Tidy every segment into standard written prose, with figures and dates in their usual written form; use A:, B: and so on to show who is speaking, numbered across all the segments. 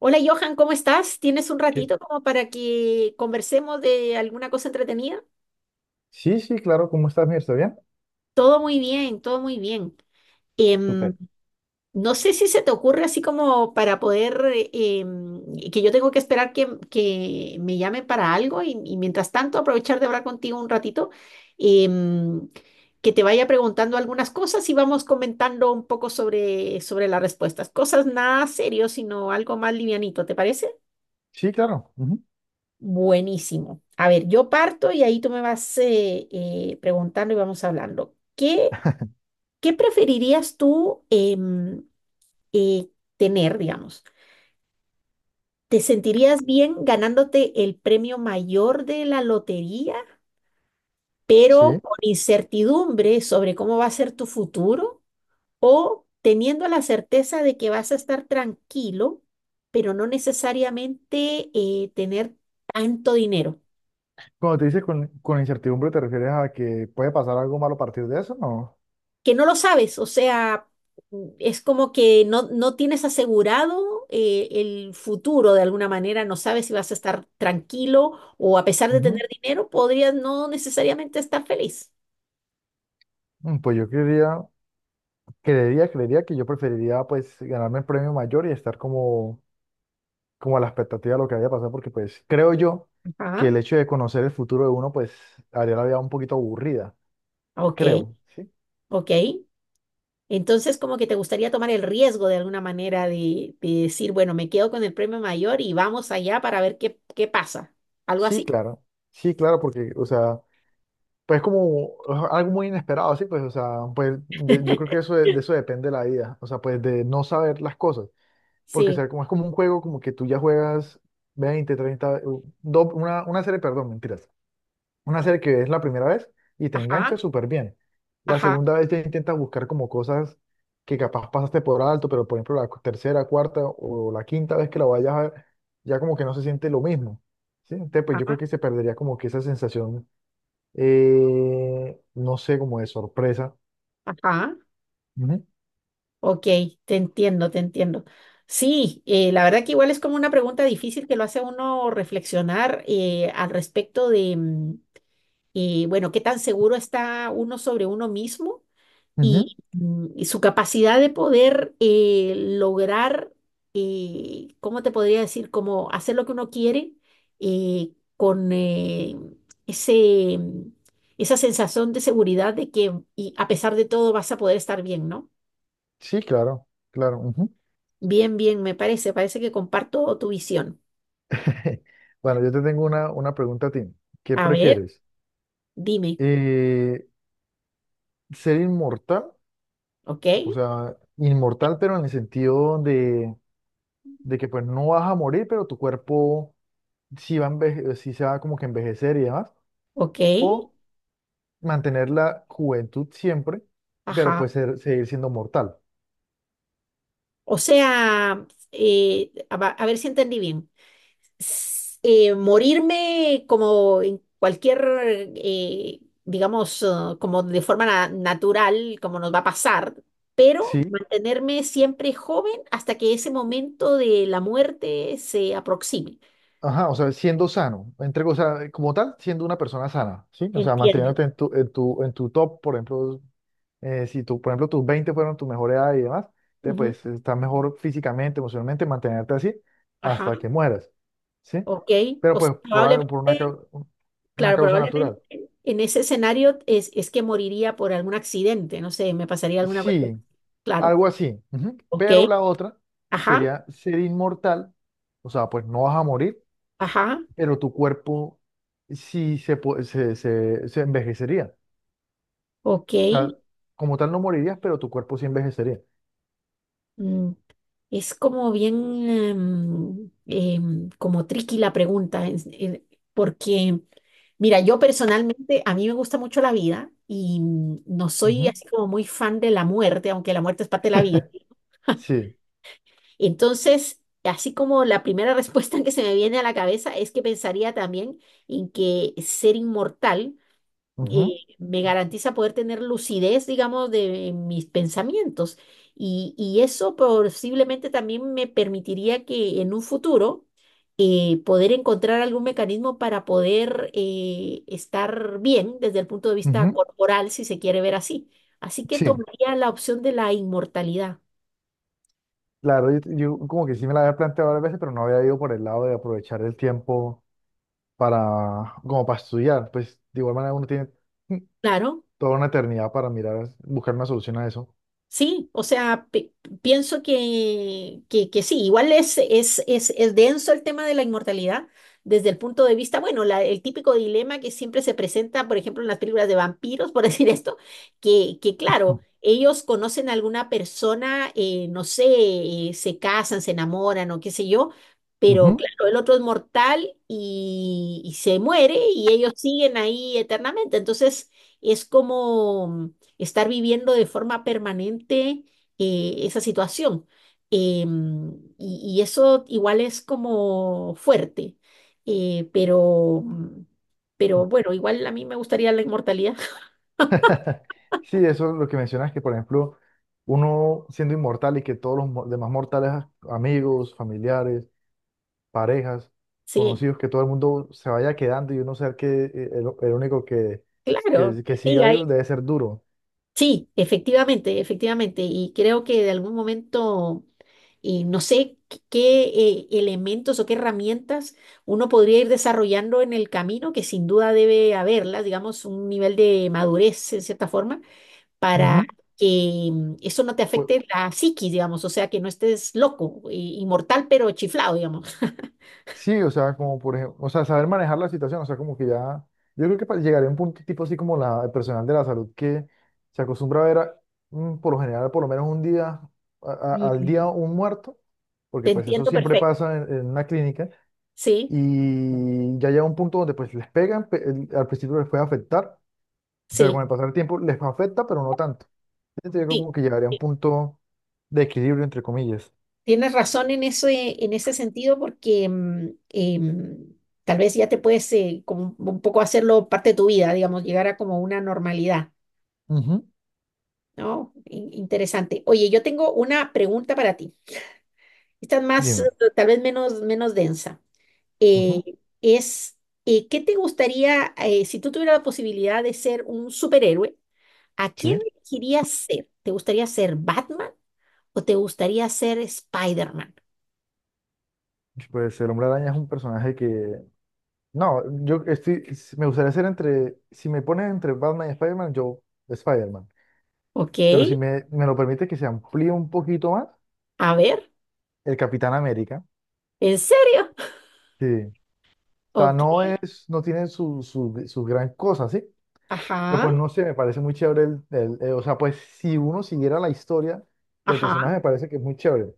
A: Hola Johan, ¿cómo estás? ¿Tienes un
B: ¿Qué?
A: ratito como para que conversemos de alguna cosa entretenida?
B: Sí, sí, claro. ¿Cómo estás, Mir? ¿Está bien?
A: Todo muy bien, todo muy bien. Em,
B: Súper.
A: no sé si se te ocurre así como para poder, que yo tengo que esperar que me llamen para algo y mientras tanto aprovechar de hablar contigo un ratito, em, que te vaya preguntando algunas cosas y vamos comentando un poco sobre las respuestas. Cosas nada serio, sino algo más livianito, ¿te parece?
B: Sí, claro. Ujú.
A: Buenísimo. A ver, yo parto y ahí tú me vas preguntando y vamos hablando. ¿Qué, qué preferirías tú em, eh, tener, digamos? ¿Te sentirías bien ganándote el premio mayor de la lotería, pero
B: Sí.
A: con incertidumbre sobre cómo va a ser tu futuro? ¿O teniendo la certeza de que vas a estar tranquilo, pero no necesariamente tener tanto dinero?
B: Cuando te dices con incertidumbre, ¿te refieres a que puede pasar algo malo a partir de eso? No.
A: Que no lo sabes, o sea, es como que no tienes asegurado el futuro de alguna manera, no sabes si vas a estar tranquilo o a pesar de
B: Ujú.
A: tener dinero, podrías no necesariamente estar feliz.
B: Pues yo creería, que yo preferiría pues ganarme el premio mayor y estar como a la expectativa de lo que había pasado, porque pues creo yo que
A: Ajá,
B: el hecho de conocer el futuro de uno pues haría la vida un poquito aburrida.
A: ok,
B: Creo, ¿sí?
A: ok. Entonces, como que te gustaría tomar el riesgo de alguna manera de decir, bueno, me quedo con el premio mayor y vamos allá para ver qué pasa. Algo
B: Sí,
A: así.
B: claro. Sí, claro, porque, o sea, pues como es algo muy inesperado, así pues, o sea, pues yo creo que eso de eso depende la vida, o sea, pues de no saber las cosas, porque o
A: Sí.
B: sea, como es como un juego como que tú ya juegas 20, 30 una serie, perdón, mentiras, una serie que es la primera vez y te
A: Ajá,
B: engancha súper bien. La
A: ajá,
B: segunda vez ya intentas buscar como cosas que capaz pasaste por alto, pero por ejemplo la tercera, cuarta o la quinta vez que la vayas a ver, ya como que no se siente lo mismo, ¿sí? Entonces, pues yo
A: ajá,
B: creo que se perdería como que esa sensación, no sé, como de sorpresa.
A: ajá.
B: Ujú,
A: Ok, te entiendo, te entiendo. Sí, la verdad que igual es como una pregunta difícil que lo hace a uno reflexionar al respecto de, bueno, qué tan seguro está uno sobre uno mismo
B: ujú.
A: y, mm, y su capacidad de poder lograr, ¿cómo te podría decir? Como hacer lo que uno quiere eh, con eh, ese, mm, esa sensación de seguridad de que y a pesar de todo vas a poder estar bien, ¿no?
B: Sí, claro, claro. Ujú.
A: Bien, bien, me parece, parece que comparto tu visión.
B: Bueno, yo te tengo una, pregunta a ti. ¿Qué
A: A ver,
B: prefieres?
A: dime,
B: Eh, ¿Ser inmortal?
A: ¿ok?
B: O sea, inmortal, pero en el sentido de que pues no vas a morir, pero tu cuerpo sí va a sí se va como que a envejecer y demás.
A: ¿Ok?
B: O mantener la juventud siempre, pero
A: Ajá.
B: pues seguir siendo mortal.
A: O sea, a ver si entendí bien. Morirme como en cualquier, digamos, ah, como de forma natural, como nos va a pasar, pero
B: Sí.
A: mantenerme siempre joven hasta que ese momento de la muerte se aproxime.
B: Ajá, o sea, siendo sano, entre, o sea, como tal, siendo una persona sana, ¿sí? O sea,
A: Entiendo.
B: manteniéndote en tu top, por ejemplo, si tú, por ejemplo, tus 20 fueron tu mejor edad y demás,
A: Ujú,
B: pues estás mejor físicamente, emocionalmente, mantenerte así
A: ajá,
B: hasta que mueras, ¿sí?
A: ok.
B: Pero
A: O sea,
B: pues por algo, por una,
A: probablemente...
B: una
A: Claro,
B: causa natural.
A: probablemente en ese escenario es que moriría por algún accidente, no sé, me pasaría alguna cuestión.
B: Sí,
A: Claro,
B: algo así. Ujú.
A: ok,
B: Pero la otra
A: ajá,
B: sería ser inmortal, o sea, pues no vas a morir,
A: ajá,
B: pero tu cuerpo sí se, pu- se, se se envejecería.
A: ok.
B: O sea, como tal no morirías, pero tu cuerpo sí envejecería.
A: Mm, es como bien, como tricky la pregunta, porque, mira, yo personalmente, a mí me gusta mucho la vida y mm, no soy
B: Ujú.
A: así como muy fan de la muerte, aunque la muerte es parte de la vida.
B: Sí.
A: Entonces, así como la primera respuesta que se me viene a la cabeza es que pensaría también en que ser inmortal
B: Ujú.
A: me garantiza poder tener lucidez, digamos, de mis pensamientos. Y eso posiblemente también me permitiría que en un futuro poder encontrar algún mecanismo para poder estar bien desde el punto de vista
B: Ujú.
A: corporal, si se quiere ver así. Así que
B: Sí.
A: tomaría la opción de la inmortalidad.
B: Claro, yo como que sí me la había planteado varias veces, pero no había ido por el lado de aprovechar el tiempo para, como para estudiar. Pues de igual manera uno tiene mm,
A: Claro.
B: toda una eternidad para mirar, buscar una solución a eso.
A: Sí, o sea, pienso que sí, igual es denso el tema de la inmortalidad desde el punto de vista, bueno, el típico dilema que siempre se presenta, por ejemplo, en las películas de vampiros, por decir esto, que claro, ellos conocen a alguna persona, no sé, se casan, se enamoran o qué sé yo, pero
B: Ujú.
A: claro, el otro es mortal y se muere y ellos siguen ahí eternamente, entonces es como estar viviendo de forma permanente esa situación. Em, y, y eso igual es como fuerte, pero, mm, pero bueno, igual a mí me gustaría la inmortalidad.
B: Sí, eso es lo que mencionas, que por ejemplo, uno siendo inmortal y que todos los demás mortales, amigos, familiares, parejas,
A: Sí,
B: conocidos, que todo el mundo se vaya quedando y uno ser que, el, único que,
A: claro,
B: que, que siga
A: siga ahí.
B: vivo debe ser duro.
A: Sí, efectivamente, efectivamente. Y creo que de algún momento, no sé qué elementos o qué herramientas uno podría ir desarrollando en el camino, que sin duda debe haberlas, digamos, un nivel de madurez en cierta forma para
B: Ujú.
A: que mm, eso no te
B: Pues,
A: afecte la psiquis, digamos, o sea, que no estés loco, inmortal, pero chiflado, digamos.
B: sí, o sea, como por ejemplo, o sea, saber manejar la situación, o sea, como que ya, yo creo que llegaría a un punto tipo así como la, el personal de la salud que se acostumbra a ver por lo general por lo menos un día, al día
A: Mm.
B: un muerto,
A: Te
B: porque pues eso
A: entiendo
B: siempre
A: perfecto.
B: pasa en una clínica.
A: Sí,
B: Y ya llega un punto donde pues les pegan, al principio les puede afectar, pero
A: sí,
B: con el pasar del tiempo les afecta, pero no tanto. Entonces, yo
A: sí.
B: como que llegaría a un
A: Sí.
B: punto de equilibrio, entre comillas.
A: Tienes razón en ese sentido porque tal vez ya te puedes como un poco hacerlo parte de tu vida, digamos, llegar a como una normalidad,
B: Ujú.
A: ¿no? Interesante. Oye, yo tengo una pregunta para ti. Esta es más,
B: Dime.
A: tal vez menos, menos densa. Eh,
B: Ujú.
A: es ¿Qué te gustaría, si tú tuvieras la posibilidad de ser un superhéroe, a quién
B: Sí.
A: elegirías ser? ¿Te gustaría ser Batman o te gustaría ser Spider-Man?
B: Pues el Hombre Araña es un personaje que... No, yo estoy... me gustaría ser entre... Si me pones entre Batman y Spider-Man, yo Spider-Man.
A: Ok,
B: Pero si me lo permite que se amplíe un poquito más,
A: a ver,
B: el Capitán América.
A: ¿en serio?
B: Sí. O sea,
A: Ok,
B: no es... No tiene su, gran cosa, ¿sí? Pero
A: ajá,
B: pues no sé, me parece muy chévere o sea, pues si uno siguiera la historia del
A: ajá,
B: personaje, me parece que es muy chévere.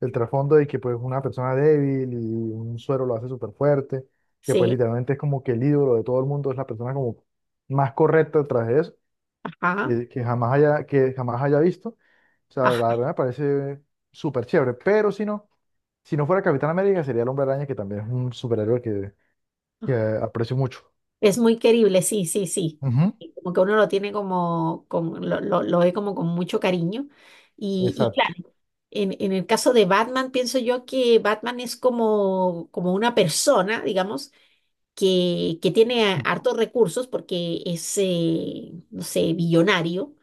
B: El trasfondo de que pues una persona débil y un suero lo hace súper fuerte, que pues
A: sí,
B: literalmente es como que el ídolo de todo el mundo, es la persona como más correcta detrás de eso,
A: ajá,
B: que jamás haya, que jamás haya, visto. O sea,
A: ajá.
B: la verdad me parece súper chévere. Pero si no fuera Capitán América, sería el Hombre Araña, que también es un superhéroe que aprecio mucho.
A: Es muy querible, sí, sí, sí.
B: Ujú.
A: Y como que uno lo tiene como, con, lo ve como con mucho cariño. Y,
B: Exacto.
A: en el caso de Batman, pienso yo que Batman es como, como una persona, digamos, que tiene hartos recursos porque es, no sé, billonario,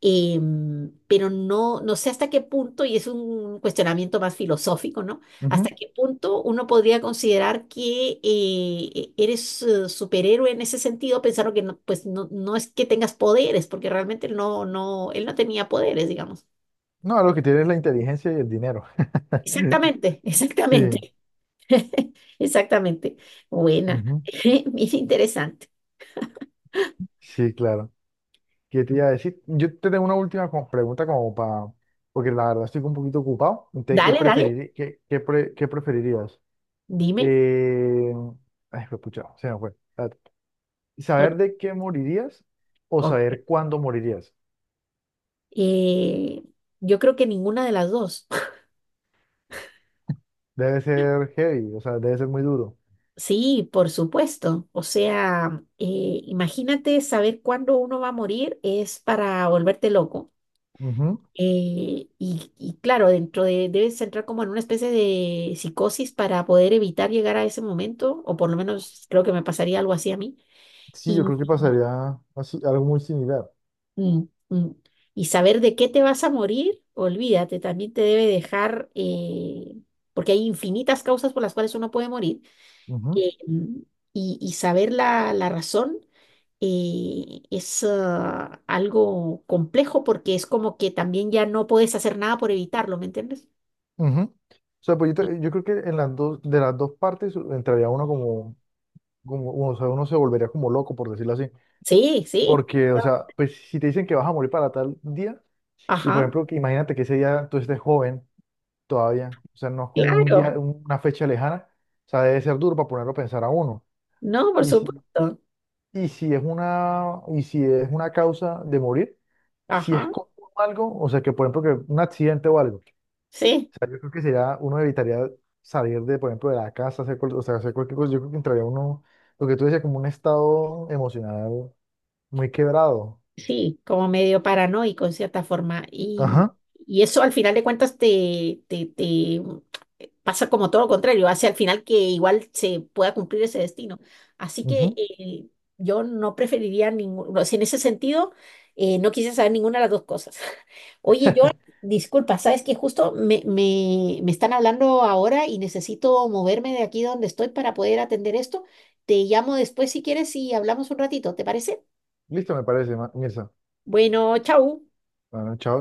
A: em, pero no, no sé hasta qué punto, y es un cuestionamiento más filosófico, ¿no? Hasta qué punto uno podría considerar que eres superhéroe en ese sentido, pensando que no, pues no, no es que tengas poderes, porque realmente no, no, él no tenía poderes, digamos.
B: No, lo que tiene es la inteligencia y el dinero.
A: Exactamente,
B: Sí,
A: exactamente. Exactamente. Buena.
B: ujú.
A: Mira, interesante.
B: Sí, claro. ¿Qué te iba a decir? Yo te tengo una última pregunta como para, porque la verdad estoy un poquito ocupado. Entonces, ¿qué
A: Dale, dale.
B: preferirí- qué, qué pre- qué preferirías?
A: Dime.
B: Eh, Ay, fue pucha, se me fue. Espérate.
A: No
B: ¿Saber
A: te-
B: de qué morirías o
A: Ok.
B: saber cuándo morirías?
A: Eh, yo creo que ninguna de las dos.
B: Debe ser heavy, o sea, debe ser muy duro.
A: Sí, por supuesto. O sea, imagínate saber cuándo uno va a morir es para volverte loco.
B: Ujú.
A: Y, y claro, dentro de, debes entrar como en una especie de psicosis para poder evitar llegar a ese momento, o por lo menos creo que me pasaría algo así a mí.
B: Sí, yo creo que pasaría así, algo muy similar.
A: Mm, mm. Y saber de qué te vas a morir, olvídate, también te debe dejar, porque hay infinitas causas por las cuales uno puede morir, mm, y saber la razón es algo complejo porque es como que también ya no puedes hacer nada por evitarlo, ¿me entiendes?
B: Ujú. O sea, pues yo creo que en las dos, de las dos partes entraría uno como uno, o sea, uno se volvería como loco, por decirlo así.
A: Sí, sí. Sí.
B: Porque, o sea, pues si te dicen que vas a morir para tal día, y por
A: Ajá,
B: ejemplo, que imagínate que ese día tú estés joven todavía, o sea, no es como un día,
A: claro.
B: una fecha lejana, o sea, debe ser duro para ponerlo a pensar a uno.
A: No, por
B: Y si,
A: supuesto.
B: y si es una causa de morir, si
A: Ajá,
B: es con algo, o sea, que por ejemplo, que un accidente o algo.
A: sí.
B: O sea, yo creo que sería, uno evitaría salir de, por ejemplo, de la casa, hacer, o sea, hacer cualquier cosa. Yo creo que entraría uno, lo que tú decías, como un estado emocional muy quebrado.
A: Sí, como medio paranoico en cierta forma.
B: Ajá.
A: Y eso al final de cuentas te pasa como todo lo contrario, hace al final que igual se pueda cumplir ese destino. Así que
B: Ujú.
A: yo no preferiría ninguno, o sea, en ese sentido, no quise saber ninguna de las dos cosas. Oye, yo, disculpa, sabes que justo me están hablando ahora y necesito moverme de aquí donde estoy para poder atender esto. Te llamo después si quieres y hablamos un ratito, ¿te parece?
B: Listo, me parece, Mirza.
A: Bueno, chau.
B: Bueno, chao.